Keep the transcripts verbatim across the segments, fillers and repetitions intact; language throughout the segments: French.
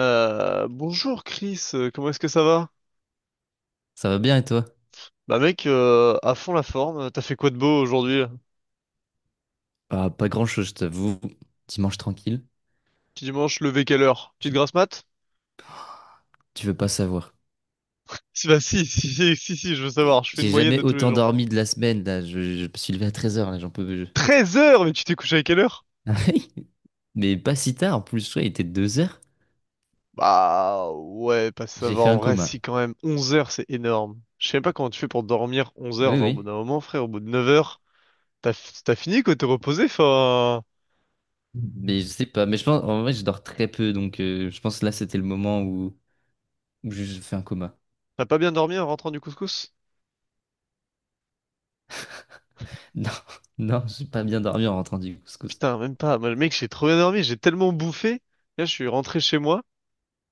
Euh, bonjour Chris, euh, comment est-ce que ça va? Ça va bien et toi? Bah mec, euh, à fond la forme, t'as fait quoi de beau aujourd'hui là? Ah, pas grand-chose, je t'avoue. Dimanche tranquille. Petit dimanche, levé quelle heure? Petite J'ai- grasse mat? Tu veux pas savoir. Si bah si, si, si, si, si, je veux savoir, je fais une J'ai moyenne jamais de tous les autant gens. dormi de la semaine, là. Je, je me suis levé à treize heures là, j'en peux plus. Treize heures, mais tu t'es couché à quelle heure? Ah oui. Mais pas si tard, en plus, ouais, il était deux heures. Bah ouais, pas J'ai savoir fait en un vrai, coma. si quand même, onze heures c'est énorme. Je sais même pas comment tu fais pour dormir onze heures, Oui, genre au bout oui. d'un moment frère, au bout de neuf heures, t'as t'as fini quoi, t'es reposé, enfin, Mais je sais pas. Mais je pense, en vrai, je dors très peu, donc euh, je pense que là, c'était le moment où où je je fais un coma. t'as pas bien dormi en rentrant du couscous? Non, non, j'ai pas bien dormi en rentrant du couscous. Putain, même pas, moi le mec j'ai trop bien dormi, j'ai tellement bouffé, là je suis rentré chez moi.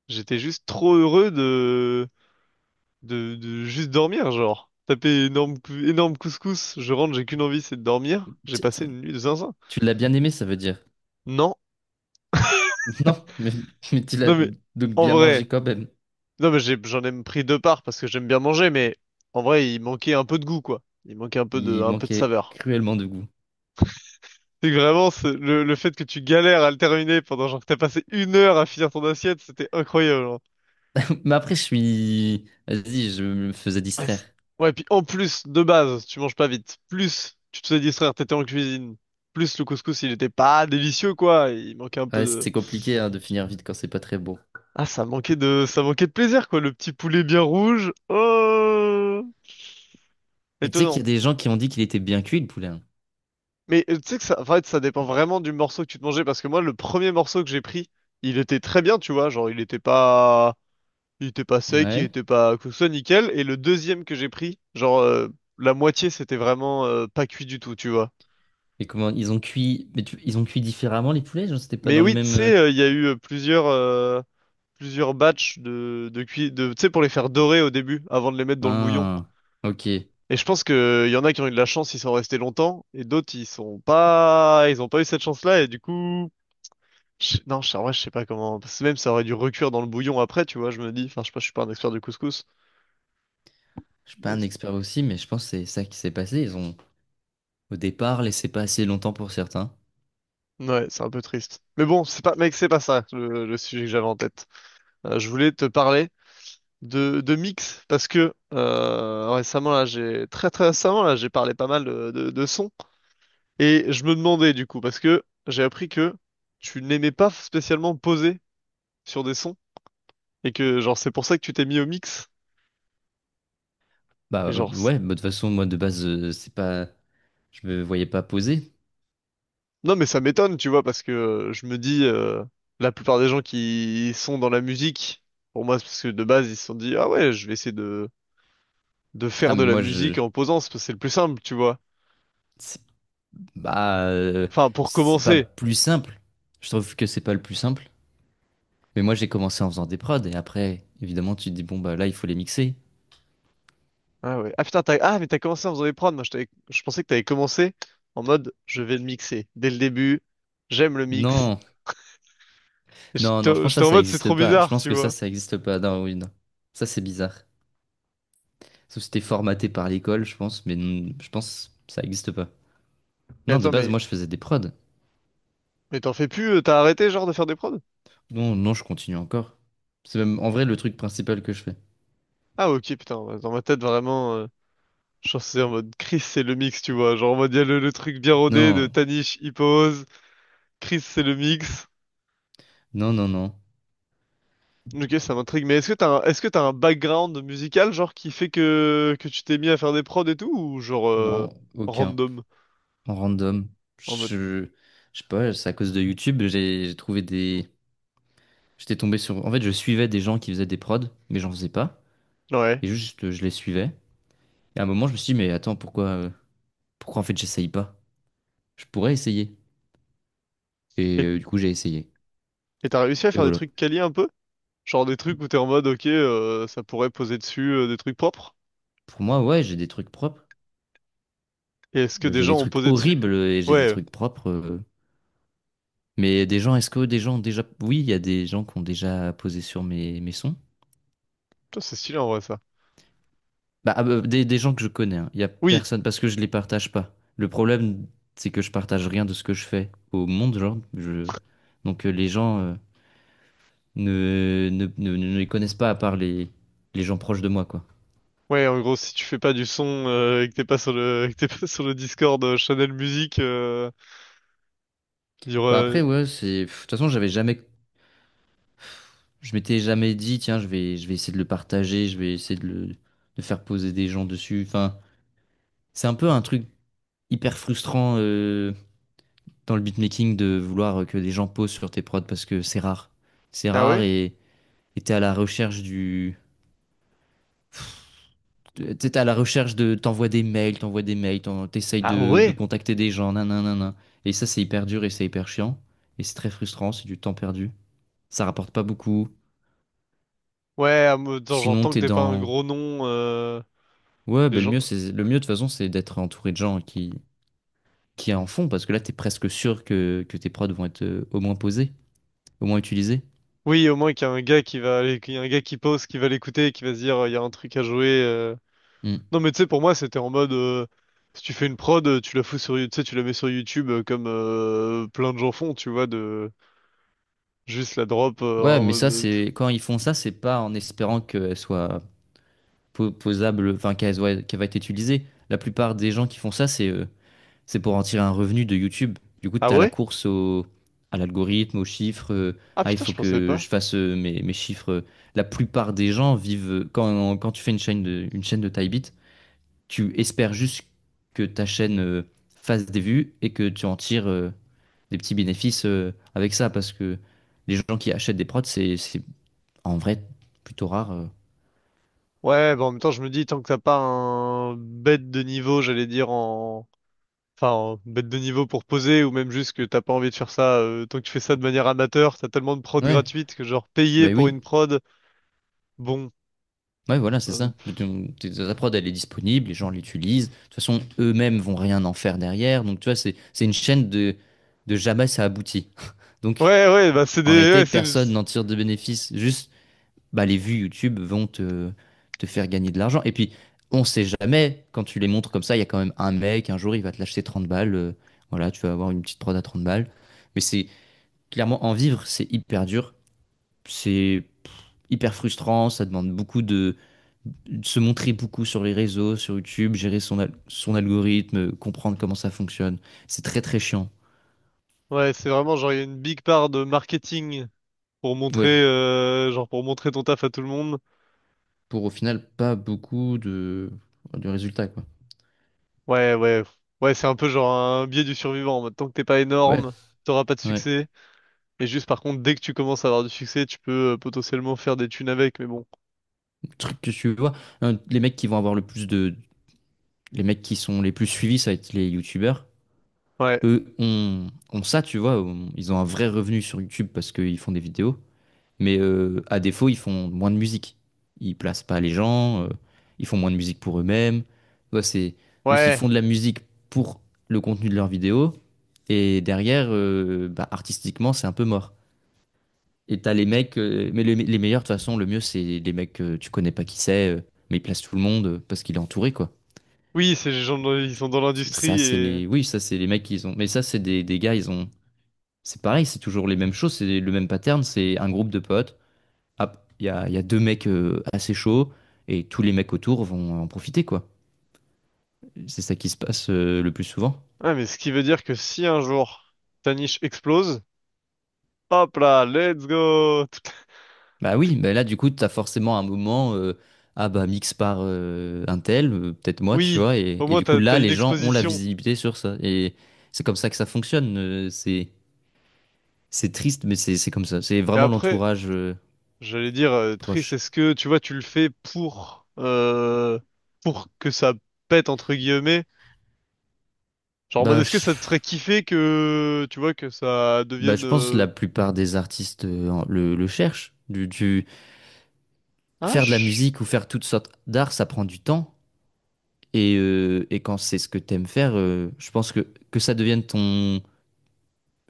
J'étais juste trop heureux de, de, de juste dormir, genre. Taper énorme, cou- énorme couscous, je rentre, j'ai qu'une envie, c'est de dormir. J'ai Tu passé une nuit de zinzin. tu l'as bien aimé, ça veut dire. Non, Non, mais, mais tu l'as non mais, donc en bien vrai, mangé quand même. non mais j'ai- j'en ai pris deux parts parce que j'aime bien manger, mais en vrai, il manquait un peu de goût, quoi. Il manquait un peu de, Il un peu de manquait saveur. cruellement de goût. C'est que vraiment, c'est- le, le fait que tu galères à le terminer pendant genre que t'as passé une heure à finir ton assiette, c'était incroyable, hein. Mais après, je suis... Vas-y, je me faisais Ouais, distraire. c'est- ouais, puis en plus, de base, tu manges pas vite. Plus, tu te faisais distraire, t'étais en cuisine. Plus, le couscous, il était pas délicieux, quoi. Il manquait un peu Ouais, de... c'est compliqué hein, de finir vite quand c'est pas très beau. Ah, ça manquait de... Ça manquait de plaisir, quoi. Le petit poulet bien rouge. Oh! Mais tu sais qu'il y a Étonnant. des gens qui ont dit qu'il était bien cuit, le poulet. Hein. Mais euh, tu sais que ça... En fait, ça dépend vraiment du morceau que tu te mangeais. Parce que moi, le premier morceau que j'ai pris, il était très bien, tu vois. Genre, il était pas... Il était pas sec, il Ouais. était pas... Que ce soit nickel. Et le deuxième que j'ai pris, genre... euh, La moitié, c'était vraiment euh, pas cuit du tout, tu vois. Et comment ils ont cuit... Mais tu- ils ont cuit différemment, les poulets? Genre, c'était pas Mais dans le oui, tu même... euh, sais, euh, il y a eu euh, plusieurs, euh, plusieurs batchs de, de cuit, de, tu sais, pour les faire dorer au début, avant de les mettre dans le bouillon. Ah, ok. Je Et je pense que euh, il y en a qui ont eu de la chance, ils sont restés longtemps, et d'autres, ils sont pas, ils ont pas eu cette chance-là, et du coup, je- non, je, en vrai, je sais pas comment, parce que même ça aurait dû recuire dans le bouillon après, tu vois, je me dis, enfin, je sais pas, je suis pas un expert du couscous, suis pas un mais expert aussi, mais je pense que c'est ça qui s'est passé. Ils ont, au départ, laissé pas assez longtemps pour certains. ouais, c'est un peu triste. Mais bon, c'est pas, mec, c'est pas ça, le, le sujet que j'avais en tête. Euh, je voulais te parler de, de mix parce que euh, récemment là j'ai très très récemment là j'ai parlé pas mal de, de, de sons, et je me demandais du coup parce que j'ai appris que tu n'aimais pas spécialement poser sur des sons et que genre c'est pour ça que tu t'es mis au mix. Et Bah euh, genre c- ouais, bah, de toute façon, moi, de base, euh, c'est pas... Je me voyais pas poser. non mais ça m'étonne tu vois parce que euh, je me dis euh, la plupart des gens qui sont dans la musique, pour moi c'est parce que de base ils se sont dit ah ouais je vais essayer de de Ah, faire de mais la moi, musique je... en posant, c'est parce que c'est le plus simple tu vois, Bah, euh, enfin pour c'est pas commencer. plus simple. Je trouve que c'est pas le plus simple. Mais moi, j'ai commencé en faisant des prods et après, évidemment, tu te dis, bon, bah là, il faut les mixer. Ah ouais. Ah putain, t'as... Ah, mais t'as commencé en faisant des prods. Moi, je, t'avais- je pensais que t'avais commencé en mode je vais le mixer. Dès le début, j'aime le mix. Non, non, non, je J'étais pense que ça, j'étais en ça mode c'est existe trop pas. Je bizarre, pense tu que ça, vois. ça existe pas. Non, oui, non. Ça, c'est bizarre. Sauf si c'était formaté par l'école, je pense, mais non, je pense que ça existe pas. Et Non, de attends, base, mais, moi, je faisais des prods. mais t'en fais plus, euh, t'as arrêté genre de faire des prods? Non, non, je continue encore. C'est même, en vrai, le truc principal que je fais. Ah ok, putain, ouais, dans ma tête vraiment, euh, je pensais en mode Chris c'est le mix, tu vois. Genre en mode il y a le, le truc bien rodé de Non, Tanish, il pose, Chris c'est le mix. non, non, non. Ok, ça m'intrigue, mais est-ce que t'as un, est-ce que t'as un background musical genre qui fait que, que tu t'es mis à faire des prods et tout, ou genre euh, Non, aucun. random? En random. En mode... Je, je sais pas, c'est à cause de YouTube, j'ai j'ai trouvé des. J'étais tombé sur. En fait, je suivais des gens qui faisaient des prods, mais j'en faisais pas. Ouais. Et juste, euh, je les suivais. Et à un moment, je me suis dit, mais attends, pourquoi, euh, pourquoi en fait, j'essaye pas? Je pourrais essayer. Et Et euh, du coup, j'ai essayé. et t'as réussi à Et faire des voilà. trucs quali un peu? Genre des trucs où t'es en mode, ok, euh, ça pourrait poser dessus euh, des trucs propres? Pour moi, ouais, j'ai des trucs propres. Et est-ce que Euh, des J'ai des gens ont trucs posé dessus? horribles et j'ai des Ouais, euh, trucs propres. euh. Mais des gens, est-ce que des gens ont déjà. Oui, il y a des gens qui ont déjà posé sur mes, mes, sons. putain, c'est stylé en vrai ça. Bah, ah, bah, des, des gens que je connais, il n'y a Oui, personne, parce que je les partage pas. Le problème, c'est que je partage rien de ce que je fais au monde, genre. Je... Donc euh, les gens euh, ne, ne, ne, ne les connaissent pas à part les, les gens proches de moi, quoi. ouais, en gros, si tu fais pas du son euh, et que t'es pas sur le, et que t'es pas sur le Discord euh, Channel musique euh, il y Bah aura- après, ouais, c'est... pff, de toute façon, j'avais jamais... Je m'étais jamais dit, tiens, je vais, je vais essayer de le partager, je vais essayer de le de faire poser des gens dessus. Enfin, c'est un peu un truc hyper frustrant euh, dans le beatmaking de vouloir que des gens posent sur tes prods parce que c'est rare. C'est Ah rare ouais? et... Et t'es à la recherche du. T'es t'es à la recherche de. T'envoies des mails, t'envoies des mails, t'en- t'essayes Ah de, de ouais? contacter des gens, nanana. Et ça, c'est hyper dur et c'est hyper chiant. Et c'est très frustrant, c'est du temps perdu. Ça rapporte pas beaucoup. Ouais, en mode, genre, Sinon, j'entends que t'es t'es pas un dans. gros nom. euh, Ouais, Les ben le gens... mieux, c'est le mieux de toute façon, c'est d'être entouré de gens qui, qui en font, parce que là, t'es presque sûr que, que tes prods vont être euh, au moins posés, au moins utilisés. Oui, au moins qu'il y a un gars qui va, aller- qu'il y a un gars qui pose, qui va l'écouter et qui va se dire, euh, il y a un truc à jouer. euh, Hmm. Non mais tu sais pour moi c'était en mode euh, si tu fais une prod euh, tu la fous sur You- tu sais tu la mets sur YouTube euh, comme euh, plein de gens font tu vois de juste la drop euh, Ouais, en mais mode ça, euh, c'est quand ils font ça, c'est pas en espérant qu'elles soient po- posable, enfin, qui va, qui va être utilisée. La plupart des gens qui font ça, c'est euh, c'est pour en tirer un revenu de YouTube. Du coup, Ah tu as la ouais? course au, à l'algorithme, aux chiffres. euh, Ah Ah, il putain je faut pensais que pas. je fasse euh, mes, mes chiffres. euh. La plupart des gens vivent, euh, quand, quand tu fais une chaîne de, une chaîne de taille bit, tu espères juste que ta chaîne euh, fasse des vues et que tu en tires euh, des petits bénéfices euh, avec ça parce que les gens qui achètent des prods, c'est c'est en vrai plutôt rare. euh. Ouais bah en même temps je me dis tant que t'as pas un bête de niveau j'allais dire en enfin en bête de niveau pour poser ou même juste que t'as pas envie de faire ça euh, tant que tu fais ça de manière amateur t'as tellement de prod Ouais, gratuites que genre payer bah pour oui. une prod bon Ouais, voilà, c'est euh, ça. Donc, t- ta prod, elle est disponible, les gens l'utilisent. De toute façon, eux-mêmes vont rien en faire derrière. Donc, tu vois, c'est, c'est une chaîne de, de jamais ça aboutit. Donc, ouais ouais bah c'est en des réalité, ouais c'est personne n'en tire de bénéfice. Juste, bah, les vues YouTube vont te, te faire gagner de l'argent. Et puis, on sait jamais, quand tu les montres comme ça, il y a quand même un mec, un jour, il va te lâcher trente balles. euh, Voilà, tu vas avoir une petite prod à trente balles. Mais c'est clairement, en vivre, c'est hyper dur. C'est hyper frustrant. Ça demande beaucoup de se montrer beaucoup sur les réseaux, sur YouTube, gérer son, al- son algorithme, euh, comprendre comment ça fonctionne. C'est très très chiant. ouais c'est vraiment genre il y a une big part de marketing pour Ouais, montrer euh, genre pour montrer ton taf à tout le monde. pour au final pas beaucoup de, de résultats quoi. Ouais, ouais. Ouais, c'est un peu genre un biais du survivant, en mode, tant que t'es pas Ouais, énorme, t'auras pas de ouais. succès. Et juste par contre, dès que tu commences à avoir du succès, tu peux euh, potentiellement faire des thunes avec, mais bon. Le truc que tu vois, hein, les mecs qui vont avoir le plus de, les mecs qui sont les plus suivis, ça va être les YouTubers. Ouais. Eux ont, ont, ça, tu vois, ont- ils ont un vrai revenu sur YouTube parce qu'ils font des vidéos. Mais euh, à défaut, ils font moins de musique. Ils placent pas les gens, euh, ils font moins de musique pour eux-mêmes. Tu vois, c'est juste, ils Ouais. font de la musique pour le contenu de leurs vidéos. Et derrière, euh, bah, artistiquement, c'est un peu mort. Et t'as les mecs, euh, mais le- les meilleurs, de toute façon, le mieux, c'est les mecs que tu connais pas qui c'est, euh, mais ils placent tout le monde euh, parce qu'il est entouré, quoi. Oui, ces gens dans- ils sont dans C'est ça, l'industrie c'est et les. Oui, ça, c'est les mecs qu'ils ont. Mais ça, c'est des, des, gars, ils ont. C'est pareil, c'est toujours les mêmes choses, c'est le même pattern, c'est un groupe de potes ah, il y a, il y a deux mecs euh, assez chauds et tous les mecs autour vont en profiter, quoi. C'est ça qui se passe euh, le plus souvent. ouais, mais ce qui veut dire que si un jour ta niche explose, hop là, let's go. Tout- Bah oui, tout- bah là, du coup, t'as forcément un moment, euh, ah bah, mix par euh, un tel, euh, peut-être moi, tu Oui, vois, et, au et moins du coup, t'as là, t'as une les gens ont la exposition. visibilité sur ça. Et c'est comme ça que ça fonctionne. euh, c'est, c'est triste, mais c'est, c'est comme ça. C'est Et vraiment après, l'entourage euh, j'allais dire euh, triste, proche. est-ce que tu vois, tu le fais pour euh, pour que ça pète entre guillemets? Genre en mode Bah est-ce que je, ça te ferait kiffer que tu vois que ça bah, devienne je pense que euh, la plupart des artistes euh, en- le, le cherchent. Du, du- un faire de la musique ou faire toutes sortes d'art, ça prend du temps. Et, euh, et quand c'est ce que t'aimes faire, euh, je pense que, que ça devienne ton,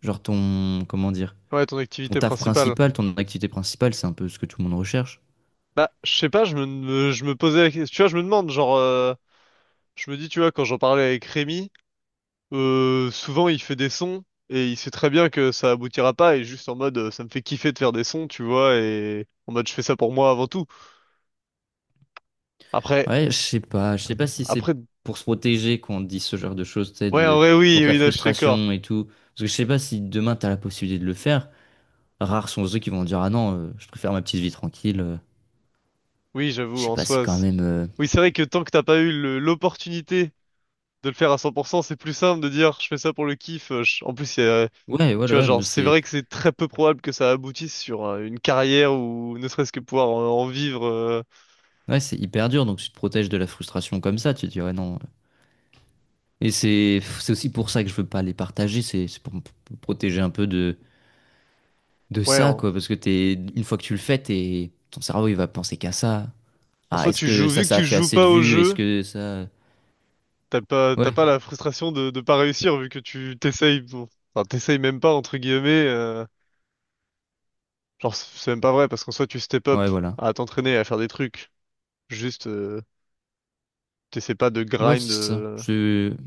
genre ton, comment dire, Ouais, ton ton activité taf principale. principal, ton activité principale, c'est un peu ce que tout le monde recherche. Bah, je sais pas, je me, me- je me posais la question, tu vois, je me demande, genre euh, je me dis, tu vois, quand j'en parlais avec Rémi, euh, souvent il fait des sons et il sait très bien que ça aboutira pas et juste en mode euh, ça me fait kiffer de faire des sons, tu vois, et en mode je fais ça pour moi avant tout. Après, Ouais, je sais pas, je sais pas si c'est après pour se protéger qu'on dit ce genre de choses, tu sais, Ouais, en de- vrai, oui, contre la oui, non, je suis d'accord. frustration et tout. Parce que je sais pas si demain t'as la possibilité de le faire. Rares sont ceux qui vont dire, ah non, euh, je préfère ma petite vie tranquille. euh. Oui, Je j'avoue, sais en pas, c'est soi. quand c'est- même, euh, Oui, c'est vrai que tant que t'as pas eu le- l'opportunité de le faire à cent pour cent, c'est plus simple de dire je fais ça pour le kiff. euh, je- En plus, il y a- ouais, ouais, tu vois, ouais, genre, mais c'est c'est, vrai que c'est très peu probable que ça aboutisse sur euh, une carrière ou ne serait-ce que pouvoir en, en vivre. euh, ouais, c'est hyper dur. Donc tu te protèges de la frustration comme ça. Tu te dis, ouais, non. Et c'est c'est aussi pour ça que je veux pas les partager, c'est c'est pour me p- protéger un peu de, de, Ouais, ça, en... quoi. Parce que t'es, une fois que tu le fais, t'es, ton cerveau, il va penser qu'à ça. en Ah, soi, est-ce tu que joues, ça, vu que ça a tu fait joues assez de pas au vues? Est-ce jeu, que ça... t'as pas, t'as Ouais, pas la frustration de, de pas réussir vu que tu t'essayes, bon, enfin, t'essayes même pas, entre guillemets. euh, Genre, c'est c'est même pas vrai parce qu'en soi, tu step up ouais, voilà. à t'entraîner, à faire des trucs. Juste. Euh, T'essaies pas de Ouais, grind. c'est ça. euh, Je...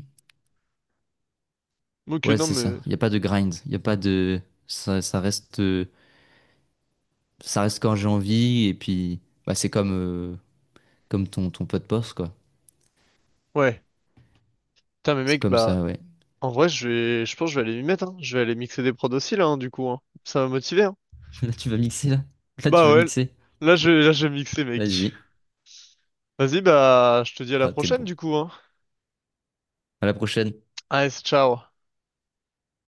Ok, Ouais, non, c'est ça. mais. Il n'y a pas de grind. Il n'y a pas de... Ça, ça reste... euh, ça reste quand j'ai envie. Et puis, bah, c'est comme, euh, comme ton, ton, pot de poste, quoi. Ouais. Putain, mais C'est mec, comme bah. ça, ouais. En vrai, je vais. Je pense que je vais aller m'y mettre, hein. Je vais aller mixer des prods aussi, là, hein, du coup, hein. Ça va motiver, hein. Là, tu vas mixer, là. Là, tu vas Bah ouais. mixer. Là, je vais, là, je vais mixer, mec. Vas-y. Vas-y, bah. Je te dis à la Ah, t'es prochaine, bon. du coup, hein. À la prochaine. Allez, ciao.